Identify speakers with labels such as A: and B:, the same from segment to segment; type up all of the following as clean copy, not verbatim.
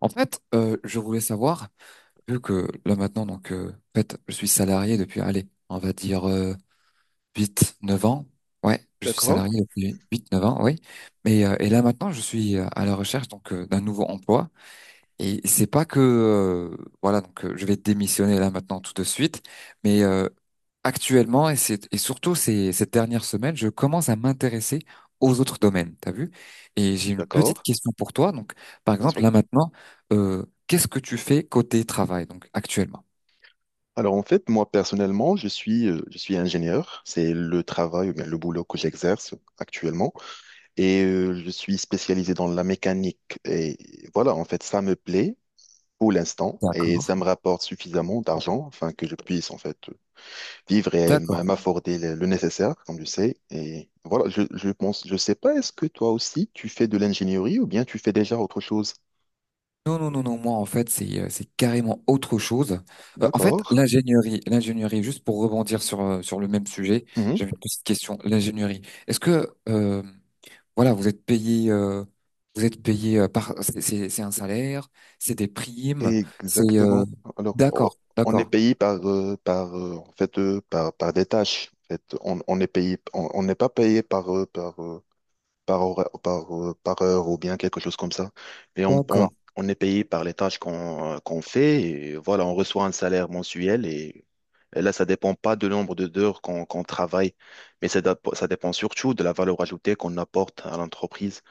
A: En fait, je voulais savoir, vu que là maintenant, je suis salarié depuis, allez, on va dire 8, 9 ans. Ouais, je suis
B: D'accord,
A: salarié depuis 8 9 ans, oui. Mais et là maintenant, je suis à la recherche d'un nouveau emploi. Et c'est pas que je vais démissionner là maintenant tout de suite, mais euh, actuellement et surtout ces cette dernière semaine, je commence à m'intéresser aux autres domaines, t'as vu? Et j'ai une petite
B: d'accord,
A: question pour toi. Donc par
B: bien
A: exemple
B: sûr.
A: là maintenant, qu'est-ce que tu fais côté travail donc actuellement?
B: Alors en fait, moi personnellement, je suis ingénieur. C'est le travail, ou bien le boulot que j'exerce actuellement. Et je suis spécialisé dans la mécanique. Et voilà, en fait, ça me plaît pour l'instant et
A: D'accord.
B: ça me rapporte suffisamment d'argent afin que je puisse en fait vivre et
A: D'accord.
B: m'afforder le nécessaire, comme tu sais. Et voilà, je pense, je sais pas, est-ce que toi aussi tu fais de l'ingénierie ou bien tu fais déjà autre chose?
A: Non, non, non, non, moi en fait c'est carrément autre chose. En fait
B: D'accord.
A: l'ingénierie, juste pour rebondir sur, sur le même sujet,
B: Mmh.
A: j'avais une petite question. L'ingénierie, est-ce que voilà vous êtes payé vous êtes payé par c'est un salaire, c'est des primes, c'est
B: Exactement. Alors,
A: d'accord,
B: on est
A: d'accord,
B: payé par, en fait, par des tâches. En fait, on est payé, on n'est pas payé par, par, par heure ou bien quelque chose comme ça. Mais
A: d'accord.
B: on est payé par les tâches qu'on qu'on fait. Et voilà, on reçoit un salaire mensuel et, là, ça dépend pas du nombre d'heures qu'on travaille, mais ça, ça dépend surtout de la valeur ajoutée qu'on apporte à l'entreprise.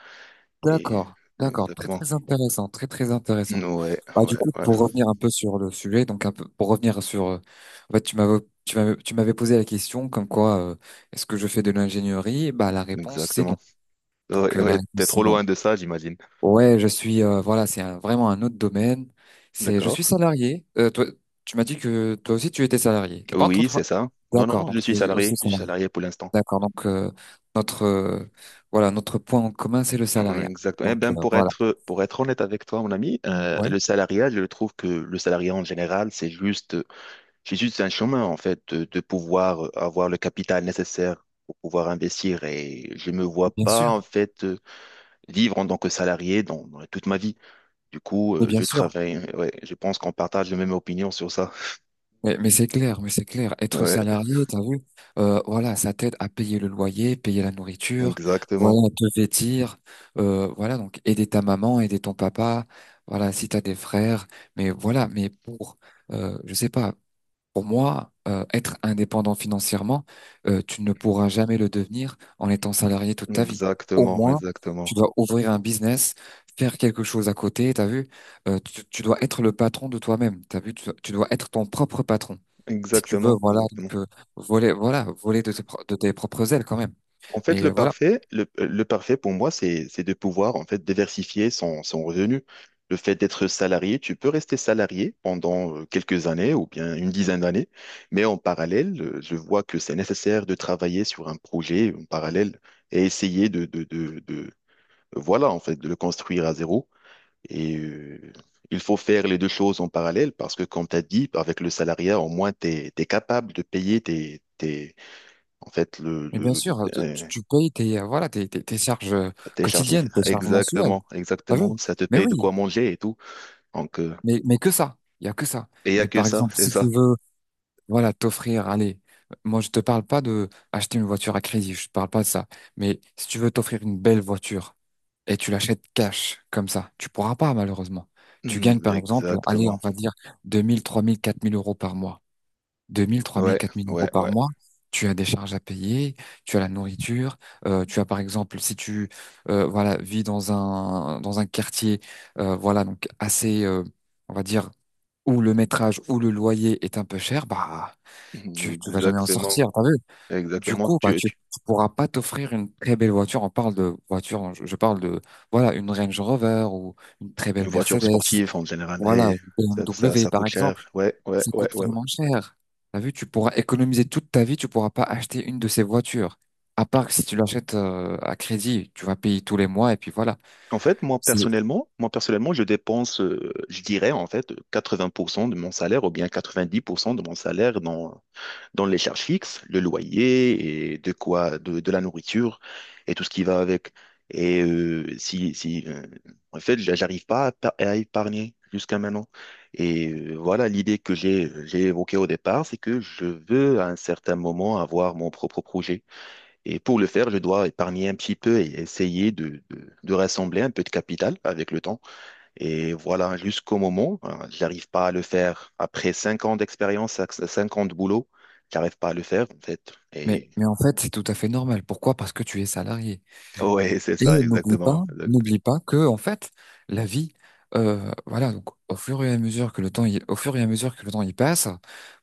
B: Et
A: D'accord, d'accord, très
B: exactement.
A: très intéressant, très très intéressant.
B: Ouais,
A: Bah,
B: ouais,
A: du coup,
B: ouais,
A: pour revenir un peu sur le sujet, donc un peu, pour revenir sur, en fait, tu m'avais posé la question comme quoi, est-ce que je fais de l'ingénierie? Bah, la réponse c'est non.
B: exactement. Ouais,
A: La
B: ouais,
A: réponse
B: t'es
A: c'est
B: trop loin
A: non.
B: de ça, j'imagine.
A: Ouais, je suis, voilà, vraiment un autre domaine. Je suis
B: D'accord.
A: salarié. Toi, tu m'as dit que toi aussi tu étais salarié. T'es pas
B: Oui, c'est
A: entrepreneur.
B: ça. Non, non,
A: D'accord,
B: non, je
A: donc tu
B: suis
A: es aussi
B: salarié. Je suis
A: salarié.
B: salarié pour l'instant.
A: D'accord, notre, voilà, notre point en commun c'est le
B: Mm.
A: salariat.
B: Exactement. Eh ben,
A: Voilà.
B: pour être honnête avec toi, mon ami,
A: Ouais,
B: le salariat, je trouve que le salariat en général, c'est juste un chemin, en fait, de pouvoir avoir le capital nécessaire pour pouvoir investir. Et je me vois
A: bien sûr.
B: pas, en fait, vivre en tant que salarié dans toute ma vie. Du coup,
A: Mais bien
B: je
A: sûr,
B: travaille. Ouais, je pense qu'on partage la même opinion sur ça.
A: mais c'est clair, mais c'est clair. Être
B: Ouais,
A: salarié, t'as vu, voilà, ça t'aide à payer le loyer, payer la nourriture,
B: exactement.
A: voilà, te vêtir, voilà, donc aider ta maman, aider ton papa, voilà, si t'as des frères, mais voilà, mais pour, je sais pas, pour moi, être indépendant financièrement, tu ne pourras jamais le devenir en étant salarié toute ta vie. Au
B: Exactement,
A: moins, tu
B: exactement,
A: dois ouvrir un business, faire quelque chose à côté, t'as vu? Tu dois être le patron de toi-même, t'as vu? Tu dois être ton propre patron. Si tu veux,
B: exactement,
A: voilà,
B: exactement.
A: voler, voilà, voler de de tes propres ailes quand même.
B: En fait, le
A: Voilà.
B: parfait, le parfait pour moi, c'est de pouvoir en fait diversifier son revenu. Le fait d'être salarié, tu peux rester salarié pendant quelques années ou bien une dizaine d'années, mais en parallèle, je vois que c'est nécessaire de travailler sur un projet en parallèle et essayer voilà, en fait, de le construire à zéro. Et il faut faire les deux choses en parallèle parce que, comme tu as dit, avec le salariat, au moins, tu es capable de payer en fait,
A: Mais bien sûr, euh, tu,
B: euh,
A: tu payes tes, tes charges
B: tes charges
A: quotidiennes, tes
B: nécessaires.
A: charges mensuelles,
B: Exactement,
A: t'as vu?
B: exactement. Ça te
A: Mais
B: paye de
A: oui,
B: quoi manger et tout. Donc,
A: mais que ça. Il y a que ça.
B: et il n'y a
A: Mais
B: que
A: par
B: ça,
A: exemple,
B: c'est
A: si tu
B: ça.
A: veux voilà, t'offrir, allez, moi je te parle pas de acheter une voiture à crédit, je te parle pas de ça. Mais si tu veux t'offrir une belle voiture et tu l'achètes cash, comme ça, tu pourras pas malheureusement. Tu gagnes
B: Hmm,
A: par exemple, allez, on
B: exactement.
A: va dire 2000, 3000, 4000 euros par mois. 2000, 3000,
B: Ouais,
A: 4000 euros
B: ouais,
A: par
B: ouais.
A: mois. Tu as des charges à payer, tu as la nourriture, tu as par exemple, si tu, voilà, vis dans un quartier, voilà, on va dire, où le métrage ou le loyer est un peu cher, bah
B: Hmm,
A: tu vas jamais en
B: exactement,
A: sortir, t'as vu? Du
B: exactement.
A: coup, tu pourras pas t'offrir une très belle voiture. On parle de voiture, je parle de, voilà, une Range Rover ou une très
B: Une
A: belle
B: voiture
A: Mercedes.
B: sportive en général,
A: Voilà,
B: et
A: une BMW,
B: ça
A: par
B: coûte
A: exemple.
B: cher. Ouais, ouais,
A: Ça
B: ouais,
A: coûte
B: ouais. Ouais.
A: vraiment cher. T'as vu, tu pourras économiser toute ta vie, tu pourras pas acheter une de ces voitures. À part que si tu l'achètes, à crédit, tu vas payer tous les mois et puis voilà.
B: En fait,
A: C'est,
B: moi personnellement, je dépense, je dirais en fait 80% de mon salaire ou bien 90% de mon salaire dans les charges fixes, le loyer et de quoi, de la nourriture et tout ce qui va avec. Et si, si en fait, j'arrive pas à épargner jusqu'à maintenant. Et voilà l'idée que j'ai évoquée au départ, c'est que je veux à un certain moment avoir mon propre projet. Et pour le faire, je dois épargner un petit peu et essayer de rassembler un peu de capital avec le temps. Et voilà, jusqu'au moment, hein, j'arrive pas à le faire. Après 5 ans d'expérience, cinq ans de boulot, j'arrive pas à le faire, en fait. Et
A: mais en fait, c'est tout à fait normal. Pourquoi? Parce que tu es salarié.
B: ouais, c'est
A: Et
B: ça, exactement.
A: n'oublie pas que en fait, la vie, voilà, donc au fur et à mesure que le temps, au fur et à mesure que le temps y passe,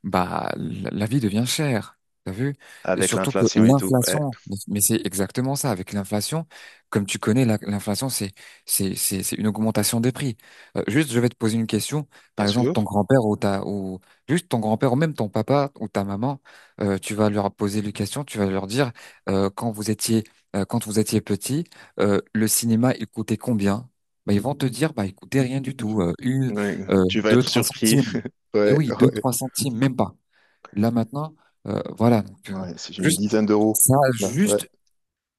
A: bah la vie devient chère. T'as vu? Et
B: Avec
A: surtout que
B: l'inflation et tout. Ouais,
A: l'inflation, mais c'est exactement ça. Avec l'inflation, comme tu connais, l'inflation, c'est c'est une augmentation des prix. Juste, je vais te poser une question. Par
B: bien
A: exemple,
B: sûr.
A: ton grand-père ou juste ton grand-père ou même ton papa ou ta maman, tu vas leur poser une question. Tu vas leur dire euh, quand vous étiez quand vous étiez petit, le cinéma, il coûtait combien? Bah, ils vont te dire, bah, il coûtait rien du tout,
B: Ouais,
A: euh,
B: tu vas
A: deux,
B: être
A: trois
B: surpris.
A: centimes. Eh
B: Ouais,
A: oui, deux,
B: ouais.
A: trois centimes, même pas. Là maintenant, euh, voilà, donc, euh,
B: Ouais, c'est une
A: juste
B: dizaine d'euros,
A: ça, a
B: là. Ouais.
A: juste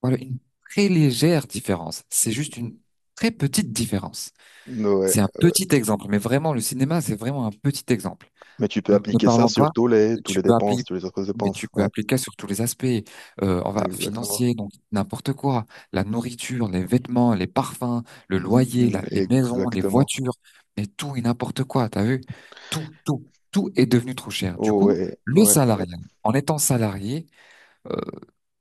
A: voilà une très légère différence. C'est juste une très petite différence.
B: Ouais,
A: C'est un
B: ouais.
A: petit exemple, mais vraiment, le cinéma, c'est vraiment un petit exemple.
B: Mais tu peux
A: Ne
B: appliquer ça
A: parlons pas,
B: sur tous
A: tu
B: les
A: peux appeler,
B: dépenses, toutes les autres
A: mais
B: dépenses.
A: tu peux
B: Ouais,
A: appliquer sur tous les aspects, on va,
B: exactement.
A: financier, donc n'importe quoi, la nourriture, les vêtements, les parfums, le loyer,
B: Mm,
A: les maisons, les
B: exactement.
A: voitures, mais tout et n'importe quoi, t'as vu? Tout, tout, tout est devenu trop cher. Du coup,
B: Ouais,
A: le
B: ouais, ouais.
A: salarié, en étant salarié, euh,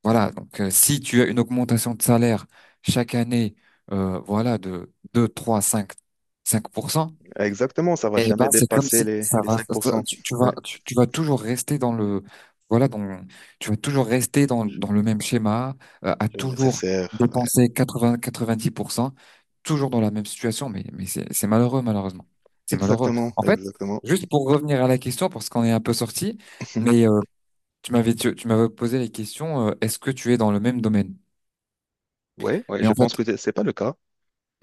A: voilà, si tu as une augmentation de salaire chaque année, voilà, de deux, trois, cinq, cinq pour cent.
B: Exactement, ça va
A: Eh ben,
B: jamais
A: c'est comme
B: dépasser
A: si
B: les 5%. Ouais,
A: tu vas toujours rester voilà, dans, tu vas toujours rester dans le même schéma, à
B: le
A: toujours
B: nécessaire. Ouais.
A: dépenser 80, 90%, toujours dans la même situation, mais c'est malheureux, malheureusement. C'est malheureux.
B: Exactement,
A: En fait,
B: exactement.
A: juste pour revenir à la question, parce qu'on est un peu sorti, mais, tu m'avais posé la question, est-ce que tu es dans le même domaine?
B: Ouais, ouais,
A: Mais
B: je
A: en
B: pense
A: fait,
B: que c'est pas le cas.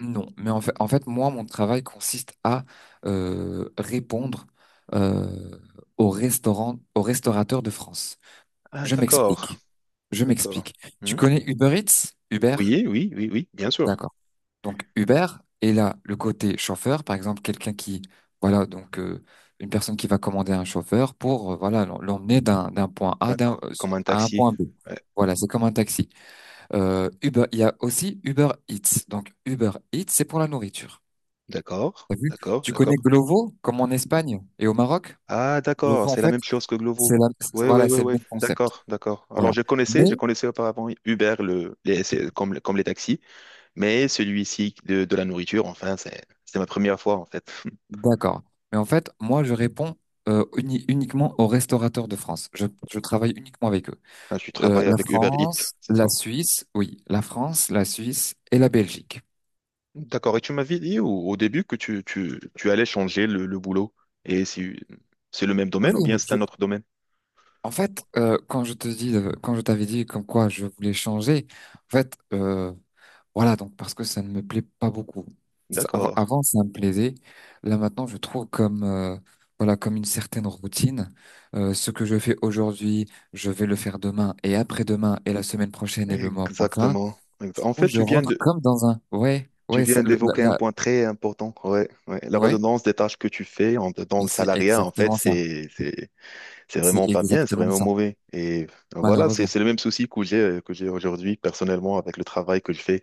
A: non, mais en fait, moi, mon travail consiste à répondre euh, aux restaurants, aux restaurateurs de France.
B: Ah,
A: Je
B: d'accord,
A: m'explique. Je
B: d'accord.
A: m'explique. Tu
B: Hmm.
A: connais Uber Eats? Uber?
B: Oui, oui, oui, oui, bien sûr.
A: D'accord. Donc Uber est là le côté chauffeur, par exemple, quelqu'un qui, voilà, une personne qui va commander un chauffeur pour, voilà, l'emmener d'un point A
B: Ah, comme un
A: à un
B: taxi.
A: point B.
B: Ouais.
A: Voilà, c'est comme un taxi. Uber, il y a aussi Uber Eats. Donc Uber Eats, c'est pour la nourriture.
B: D'accord,
A: T'as vu?
B: d'accord,
A: Tu connais
B: d'accord.
A: Glovo, comme en Espagne et au Maroc?
B: Ah, d'accord,
A: Glovo, en
B: c'est la
A: fait,
B: même chose que Glovo. Oui, oui,
A: voilà,
B: oui,
A: c'est le
B: oui,
A: même concept.
B: d'accord, d'accord. Alors,
A: Voilà. Mais,
B: je connaissais auparavant Uber c'est comme, comme les taxis, mais celui-ci de la nourriture, enfin, c'est ma première fois, en fait.
A: d'accord. Mais en fait, moi, je réponds uniquement aux restaurateurs de France. Je travaille uniquement avec eux.
B: Là, tu travailles avec Uber Eats, c'est ça.
A: La France, la Suisse et la Belgique.
B: D'accord, et tu m'avais dit au début que tu allais changer le boulot, et c'est le même
A: Oui,
B: domaine ou bien c'est un autre domaine?
A: en fait, quand je te dis, quand je t'avais dit comme quoi je voulais changer, en fait, voilà, donc parce que ça ne me plaît pas beaucoup. Avant,
B: D'accord.
A: avant, ça me plaisait. Là, maintenant, je trouve comme, voilà, comme une certaine routine. Ce que je fais aujourd'hui, je vais le faire demain et après-demain et la semaine prochaine et le mois prochain,
B: Exactement. En
A: où
B: fait,
A: je rentre comme dans un. Ouais,
B: tu
A: ouais, ça,
B: viens
A: le- la,
B: d'évoquer un
A: la-
B: point très important, ouais, ouais. La
A: ouais,
B: redondance des tâches que tu fais dans
A: mais
B: le
A: c'est
B: salariat, en fait,
A: exactement ça.
B: c'est
A: C'est
B: vraiment pas bien, c'est
A: exactement
B: vraiment
A: ça,
B: mauvais. Et voilà,
A: malheureusement.
B: c'est le même souci que j'ai aujourd'hui personnellement avec le travail que je fais.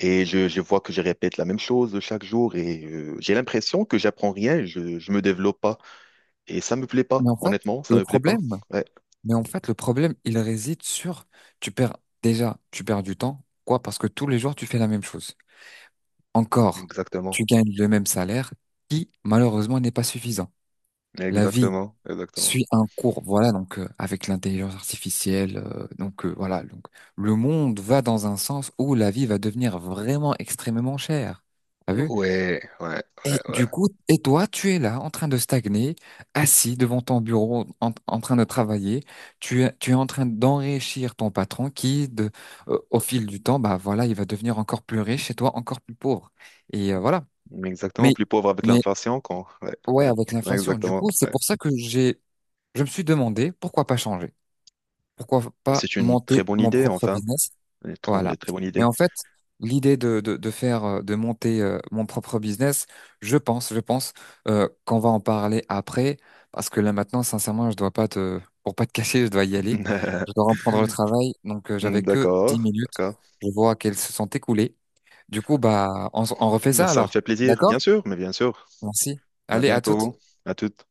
B: Et je vois que je répète la même chose chaque jour et j'ai l'impression que j'apprends rien, je me développe pas. Et ça me plaît pas,
A: Mais en fait,
B: honnêtement, ça
A: le
B: me plaît pas.
A: problème,
B: Ouais,
A: mais en fait, le problème, il réside sur, tu perds déjà, tu perds du temps. Quoi? Parce que tous les jours, tu fais la même chose. Encore,
B: exactement,
A: tu gagnes le même salaire qui, malheureusement, n'est pas suffisant. La vie
B: exactement, exactement.
A: suit un cours, voilà, avec l'intelligence artificielle, le monde va dans un sens où la vie va devenir vraiment extrêmement chère. T'as vu?
B: Ouais, ouais,
A: Et
B: ouais, ouais.
A: du coup, et toi, tu es là en train de stagner, assis devant ton bureau, en train de travailler. Tu es en train d'enrichir ton patron qui, au fil du temps, bah voilà, il va devenir encore plus riche et toi encore plus pauvre. Et voilà.
B: Exactement,
A: Mais,
B: plus pauvre avec
A: mais
B: l'inflation quand. Ouais,
A: ouais,
B: ouais,
A: avec
B: ouais,
A: l'inflation. Du
B: exactement.
A: coup, c'est
B: Ouais.
A: pour ça que je me suis demandé pourquoi pas changer, pourquoi pas
B: C'est une
A: monter
B: très bonne
A: mon
B: idée,
A: propre
B: enfin.
A: business.
B: Une trop-
A: Voilà.
B: une très bonne
A: Et
B: idée.
A: en fait, l'idée de faire, de monter mon propre business, je pense qu'on va en parler après, parce que là maintenant, sincèrement, je dois pas te, pour pas te cacher, je dois y aller. Je dois reprendre le travail, j'avais que 10
B: D'accord,
A: minutes.
B: d'accord.
A: Je vois qu'elles se sont écoulées. Du coup, bah, on refait ça
B: Ça me
A: alors.
B: fait plaisir,
A: D'accord?
B: bien sûr, mais bien sûr.
A: Merci.
B: À
A: Allez, à toutes.
B: bientôt, à toutes.